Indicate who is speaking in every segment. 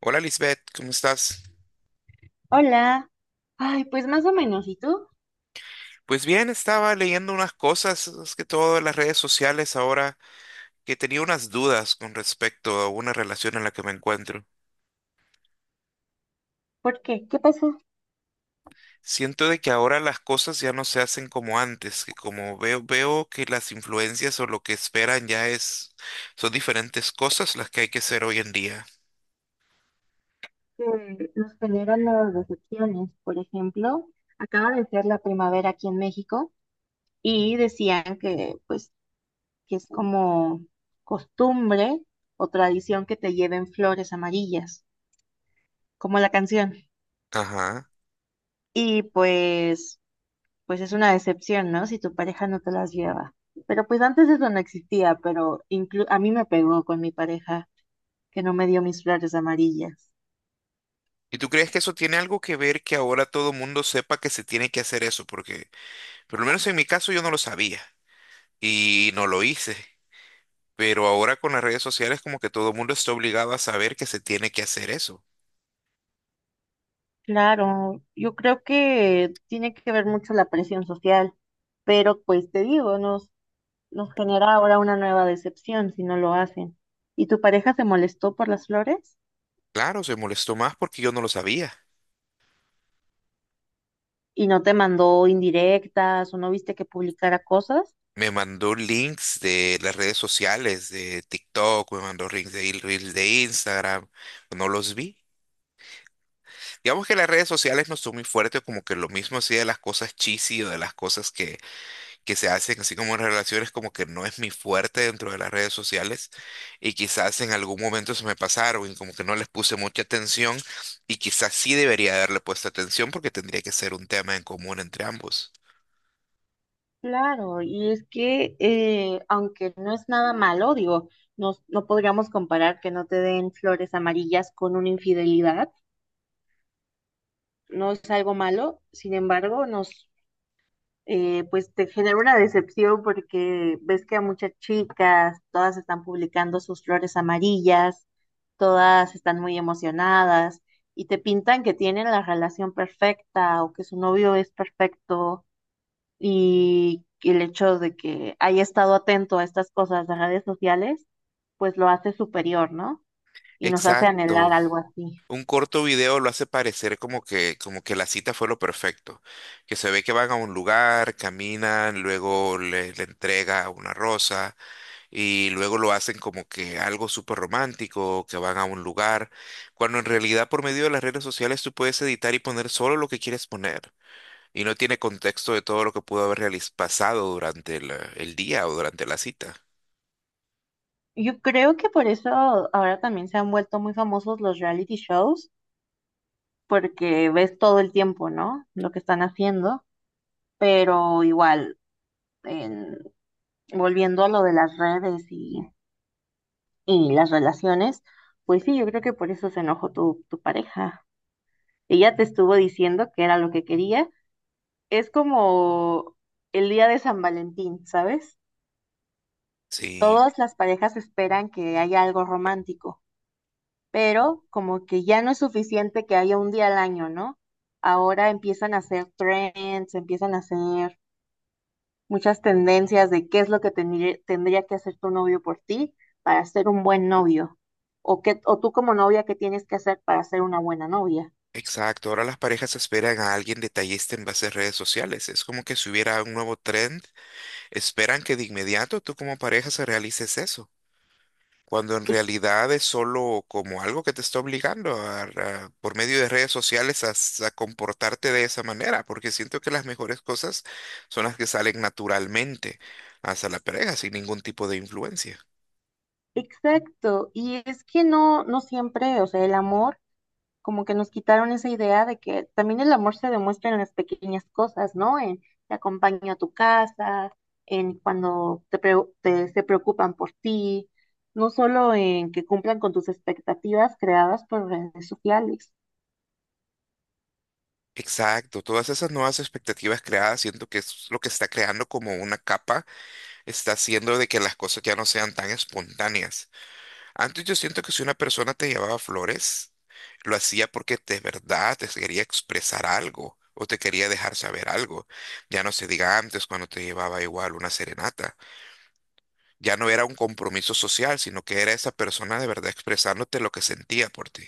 Speaker 1: Hola Lisbeth, ¿cómo estás?
Speaker 2: Hola. Ay, pues más o menos. ¿Y tú?
Speaker 1: Pues bien, estaba leyendo unas cosas, es que todo en las redes sociales ahora, que tenía unas dudas con respecto a una relación en la que me encuentro.
Speaker 2: ¿Por qué? ¿Qué pasó?
Speaker 1: Siento de que ahora las cosas ya no se hacen como antes, que como veo que las influencias o lo que esperan ya es, son diferentes cosas las que hay que hacer hoy en día.
Speaker 2: Que nos generan las decepciones. Por ejemplo, acaba de ser la primavera aquí en México y decían que, pues, que es como costumbre o tradición que te lleven flores amarillas, como la canción.
Speaker 1: Ajá.
Speaker 2: Y pues, pues es una decepción, ¿no? Si tu pareja no te las lleva. Pero pues antes eso no existía, pero a mí me pegó con mi pareja que no me dio mis flores amarillas.
Speaker 1: ¿Y tú crees que eso tiene algo que ver que ahora todo mundo sepa que se tiene que hacer eso? Porque, por lo menos en mi caso, yo no lo sabía y no lo hice. Pero ahora con las redes sociales como que todo el mundo está obligado a saber que se tiene que hacer eso.
Speaker 2: Claro, yo creo que tiene que ver mucho la presión social, pero pues te digo, nos genera ahora una nueva decepción si no lo hacen. ¿Y tu pareja se molestó por las flores?
Speaker 1: Claro, se molestó más porque yo no lo sabía.
Speaker 2: ¿Y no te mandó indirectas o no viste que publicara cosas?
Speaker 1: Me mandó links de las redes sociales, de TikTok, me mandó links de reels de Instagram, no los vi. Digamos que las redes sociales no son muy fuertes, como que lo mismo así de las cosas cheesy o de las cosas que se hacen así como relaciones como que no es mi fuerte dentro de las redes sociales y quizás en algún momento se me pasaron y como que no les puse mucha atención y quizás sí debería haberle puesto atención porque tendría que ser un tema en común entre ambos.
Speaker 2: Claro, y es que aunque no es nada malo, digo, no podríamos comparar que no te den flores amarillas con una infidelidad, no es algo malo, sin embargo, nos pues te genera una decepción porque ves que a muchas chicas, todas están publicando sus flores amarillas, todas están muy emocionadas y te pintan que tienen la relación perfecta o que su novio es perfecto, y que el hecho de que haya estado atento a estas cosas de redes sociales pues lo hace superior, ¿no? Y nos hace anhelar
Speaker 1: Exacto.
Speaker 2: algo así.
Speaker 1: Un corto video lo hace parecer como que la cita fue lo perfecto, que se ve que van a un lugar, caminan, luego le entrega una rosa, y luego lo hacen como que algo súper romántico, que van a un lugar, cuando en realidad por medio de las redes sociales tú puedes editar y poner solo lo que quieres poner y no tiene contexto de todo lo que pudo haber pasado durante el día o durante la cita.
Speaker 2: Yo creo que por eso ahora también se han vuelto muy famosos los reality shows porque ves todo el tiempo, ¿no? Lo que están haciendo. Pero igual, en- volviendo a lo de las redes y las relaciones, pues sí, yo creo que por eso se enojó tu pareja. Ella te estuvo diciendo que era lo que quería. Es como el día de San Valentín, ¿sabes?
Speaker 1: Sí,
Speaker 2: Todas las parejas esperan que haya algo romántico, pero como que ya no es suficiente que haya un día al año, ¿no? Ahora empiezan a hacer trends, empiezan a hacer muchas tendencias de qué es lo que tendría que hacer tu novio por ti para ser un buen novio, o, qué, o tú como novia, qué tienes que hacer para ser una buena novia.
Speaker 1: exacto. Ahora las parejas esperan a alguien detallista en base a redes sociales. Es como que si hubiera un nuevo trend, esperan que de inmediato tú como pareja se realices eso. Cuando en
Speaker 2: Ex-
Speaker 1: realidad es solo como algo que te está obligando por medio de redes sociales a comportarte de esa manera, porque siento que las mejores cosas son las que salen naturalmente hacia la pareja sin ningún tipo de influencia.
Speaker 2: Exacto, y es que no, no siempre, o sea, el amor, como que nos quitaron esa idea de que también el amor se demuestra en las pequeñas cosas, ¿no? En te acompaño a tu casa, en cuando se preocupan por ti, no solo en que cumplan con tus expectativas creadas por redes sociales.
Speaker 1: Exacto, todas esas nuevas expectativas creadas siento que es lo que está creando como una capa, está haciendo de que las cosas ya no sean tan espontáneas. Antes yo siento que si una persona te llevaba flores, lo hacía porque de verdad te quería expresar algo o te quería dejar saber algo. Ya no se diga antes cuando te llevaba igual una serenata. Ya no era un compromiso social, sino que era esa persona de verdad expresándote lo que sentía por ti.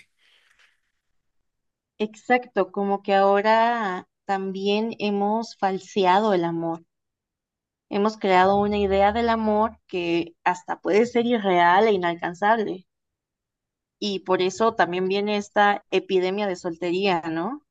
Speaker 2: Exacto, como que ahora también hemos falseado el amor. Hemos creado una idea del amor que hasta puede ser irreal e inalcanzable. Y por eso también viene esta epidemia de soltería, ¿no?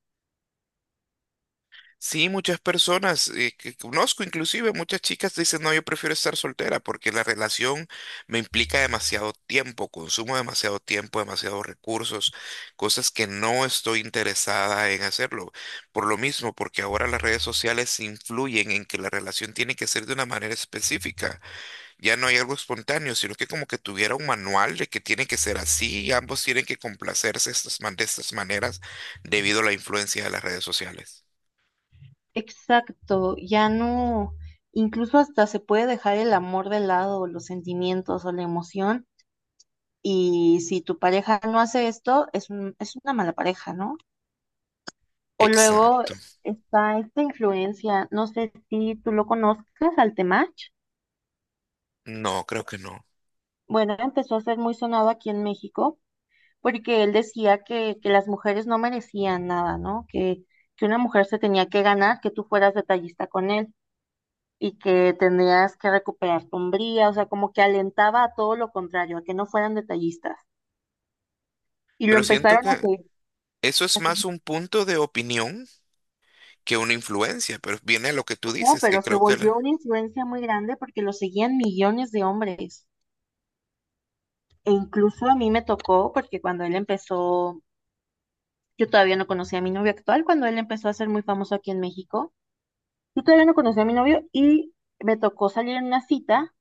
Speaker 1: Sí, muchas personas que conozco, inclusive muchas chicas dicen, no, yo prefiero estar soltera porque la relación me implica demasiado tiempo, consumo demasiado tiempo, demasiados recursos, cosas que no estoy interesada en hacerlo. Por lo mismo, porque ahora las redes sociales influyen en que la relación tiene que ser de una manera específica. Ya no hay algo espontáneo, sino que como que tuviera un manual de que tiene que ser así y ambos tienen que complacerse estas de estas maneras debido a la influencia de las redes sociales.
Speaker 2: Exacto, ya no, incluso hasta se puede dejar el amor de lado, los sentimientos o la emoción. Y si tu pareja no hace esto, es una mala pareja, ¿no? O luego
Speaker 1: Exacto.
Speaker 2: está esta influencia, no sé si tú lo conozcas, al Temach.
Speaker 1: No, creo que no.
Speaker 2: Bueno, empezó a ser muy sonado aquí en México porque él decía que las mujeres no merecían nada, ¿no? Que una mujer se tenía que ganar, que tú fueras detallista con él y que tendrías que recuperar tu hombría, o sea, como que alentaba a todo lo contrario, a que no fueran detallistas. Y lo
Speaker 1: Pero siento
Speaker 2: empezaron
Speaker 1: que eso es
Speaker 2: a hacer,
Speaker 1: más un punto de opinión que una influencia, pero viene a lo que tú
Speaker 2: como,
Speaker 1: dices, que
Speaker 2: pero se
Speaker 1: creo que
Speaker 2: volvió una influencia muy grande porque lo seguían millones de hombres. E incluso a mí me tocó, porque cuando él empezó, yo todavía no conocía a mi novio actual, cuando él empezó a ser muy famoso aquí en México, yo todavía no conocía a mi novio y me tocó salir en una cita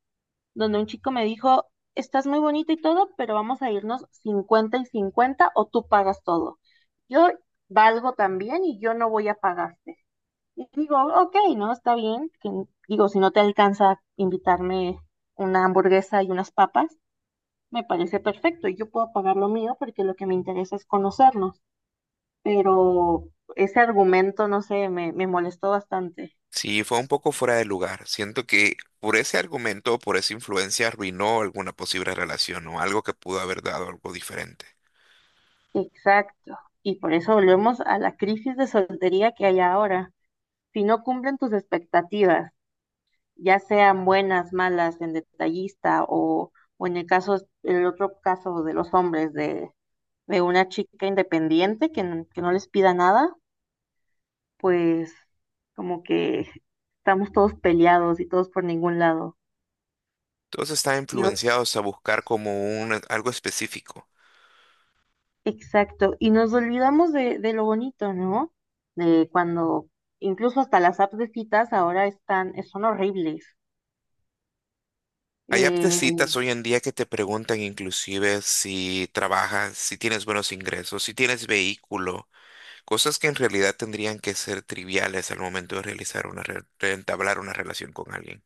Speaker 2: donde un chico me dijo, estás muy bonita y todo, pero vamos a irnos 50 y 50 o tú pagas todo. Yo valgo también y yo no voy a pagarte. Y digo, ok, no, está bien. Digo, si no te alcanza a invitarme una hamburguesa y unas papas, me parece perfecto y yo puedo pagar lo mío porque lo que me interesa es conocernos, pero ese argumento, no sé, me molestó bastante.
Speaker 1: sí fue un poco fuera de lugar. Siento que por ese argumento, o por esa influencia, arruinó alguna posible relación o algo que pudo haber dado algo diferente.
Speaker 2: Exacto. Y por eso volvemos a la crisis de soltería que hay ahora. Si no cumplen tus expectativas, ya sean buenas, malas, en detallista o en el caso, el otro caso de los hombres, de una chica independiente que no les pida nada, pues como que estamos todos peleados y todos por ningún lado.
Speaker 1: Todos están
Speaker 2: Y, o-
Speaker 1: influenciados a buscar como un, algo específico.
Speaker 2: exacto, y nos olvidamos de lo bonito, ¿no? De cuando incluso hasta las apps de citas ahora están, son horribles.
Speaker 1: Hay apps de
Speaker 2: Eh,
Speaker 1: citas hoy en día que te preguntan inclusive si trabajas, si tienes buenos ingresos, si tienes vehículo, cosas que en realidad tendrían que ser triviales al momento de realizar una de entablar una relación con alguien.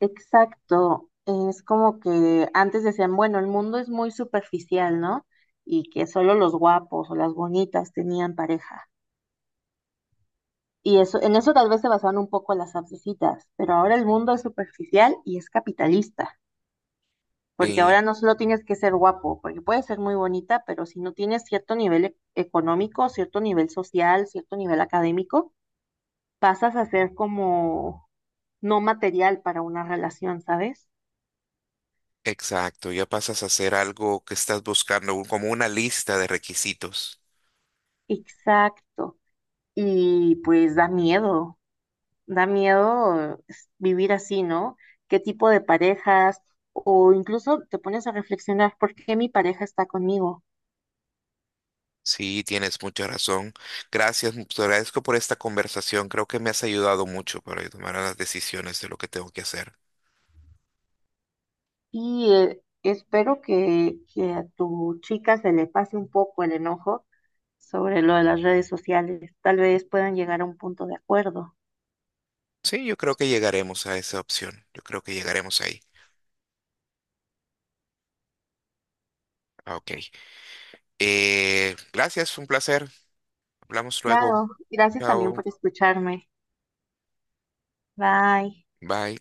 Speaker 2: exacto, es como que antes decían, bueno, el mundo es muy superficial, ¿no? Y que solo los guapos o las bonitas tenían pareja. Y eso, en eso tal vez se basaban un poco las apps de citas, pero ahora el mundo es superficial y es capitalista. Porque
Speaker 1: Y
Speaker 2: ahora no solo tienes que ser guapo, porque puedes ser muy bonita, pero si no tienes cierto nivel económico, cierto nivel social, cierto nivel académico, pasas a ser como no material para una relación, ¿sabes?
Speaker 1: exacto, ya pasas a hacer algo que estás buscando, como una lista de requisitos.
Speaker 2: Exacto. Y pues da miedo es, vivir así, ¿no? ¿Qué tipo de parejas? O incluso te pones a reflexionar, ¿por qué mi pareja está conmigo?
Speaker 1: Sí, tienes mucha razón. Gracias, te agradezco por esta conversación. Creo que me has ayudado mucho para tomar las decisiones de lo que tengo que hacer.
Speaker 2: Y espero que a tu chica se le pase un poco el enojo sobre lo de las redes sociales. Tal vez puedan llegar a un punto de acuerdo.
Speaker 1: Sí, yo creo que llegaremos a esa opción. Yo creo que llegaremos ahí. Ah, ok. Gracias, fue un placer. Hablamos luego.
Speaker 2: Claro, gracias también
Speaker 1: Chao.
Speaker 2: por escucharme. Bye.
Speaker 1: Bye.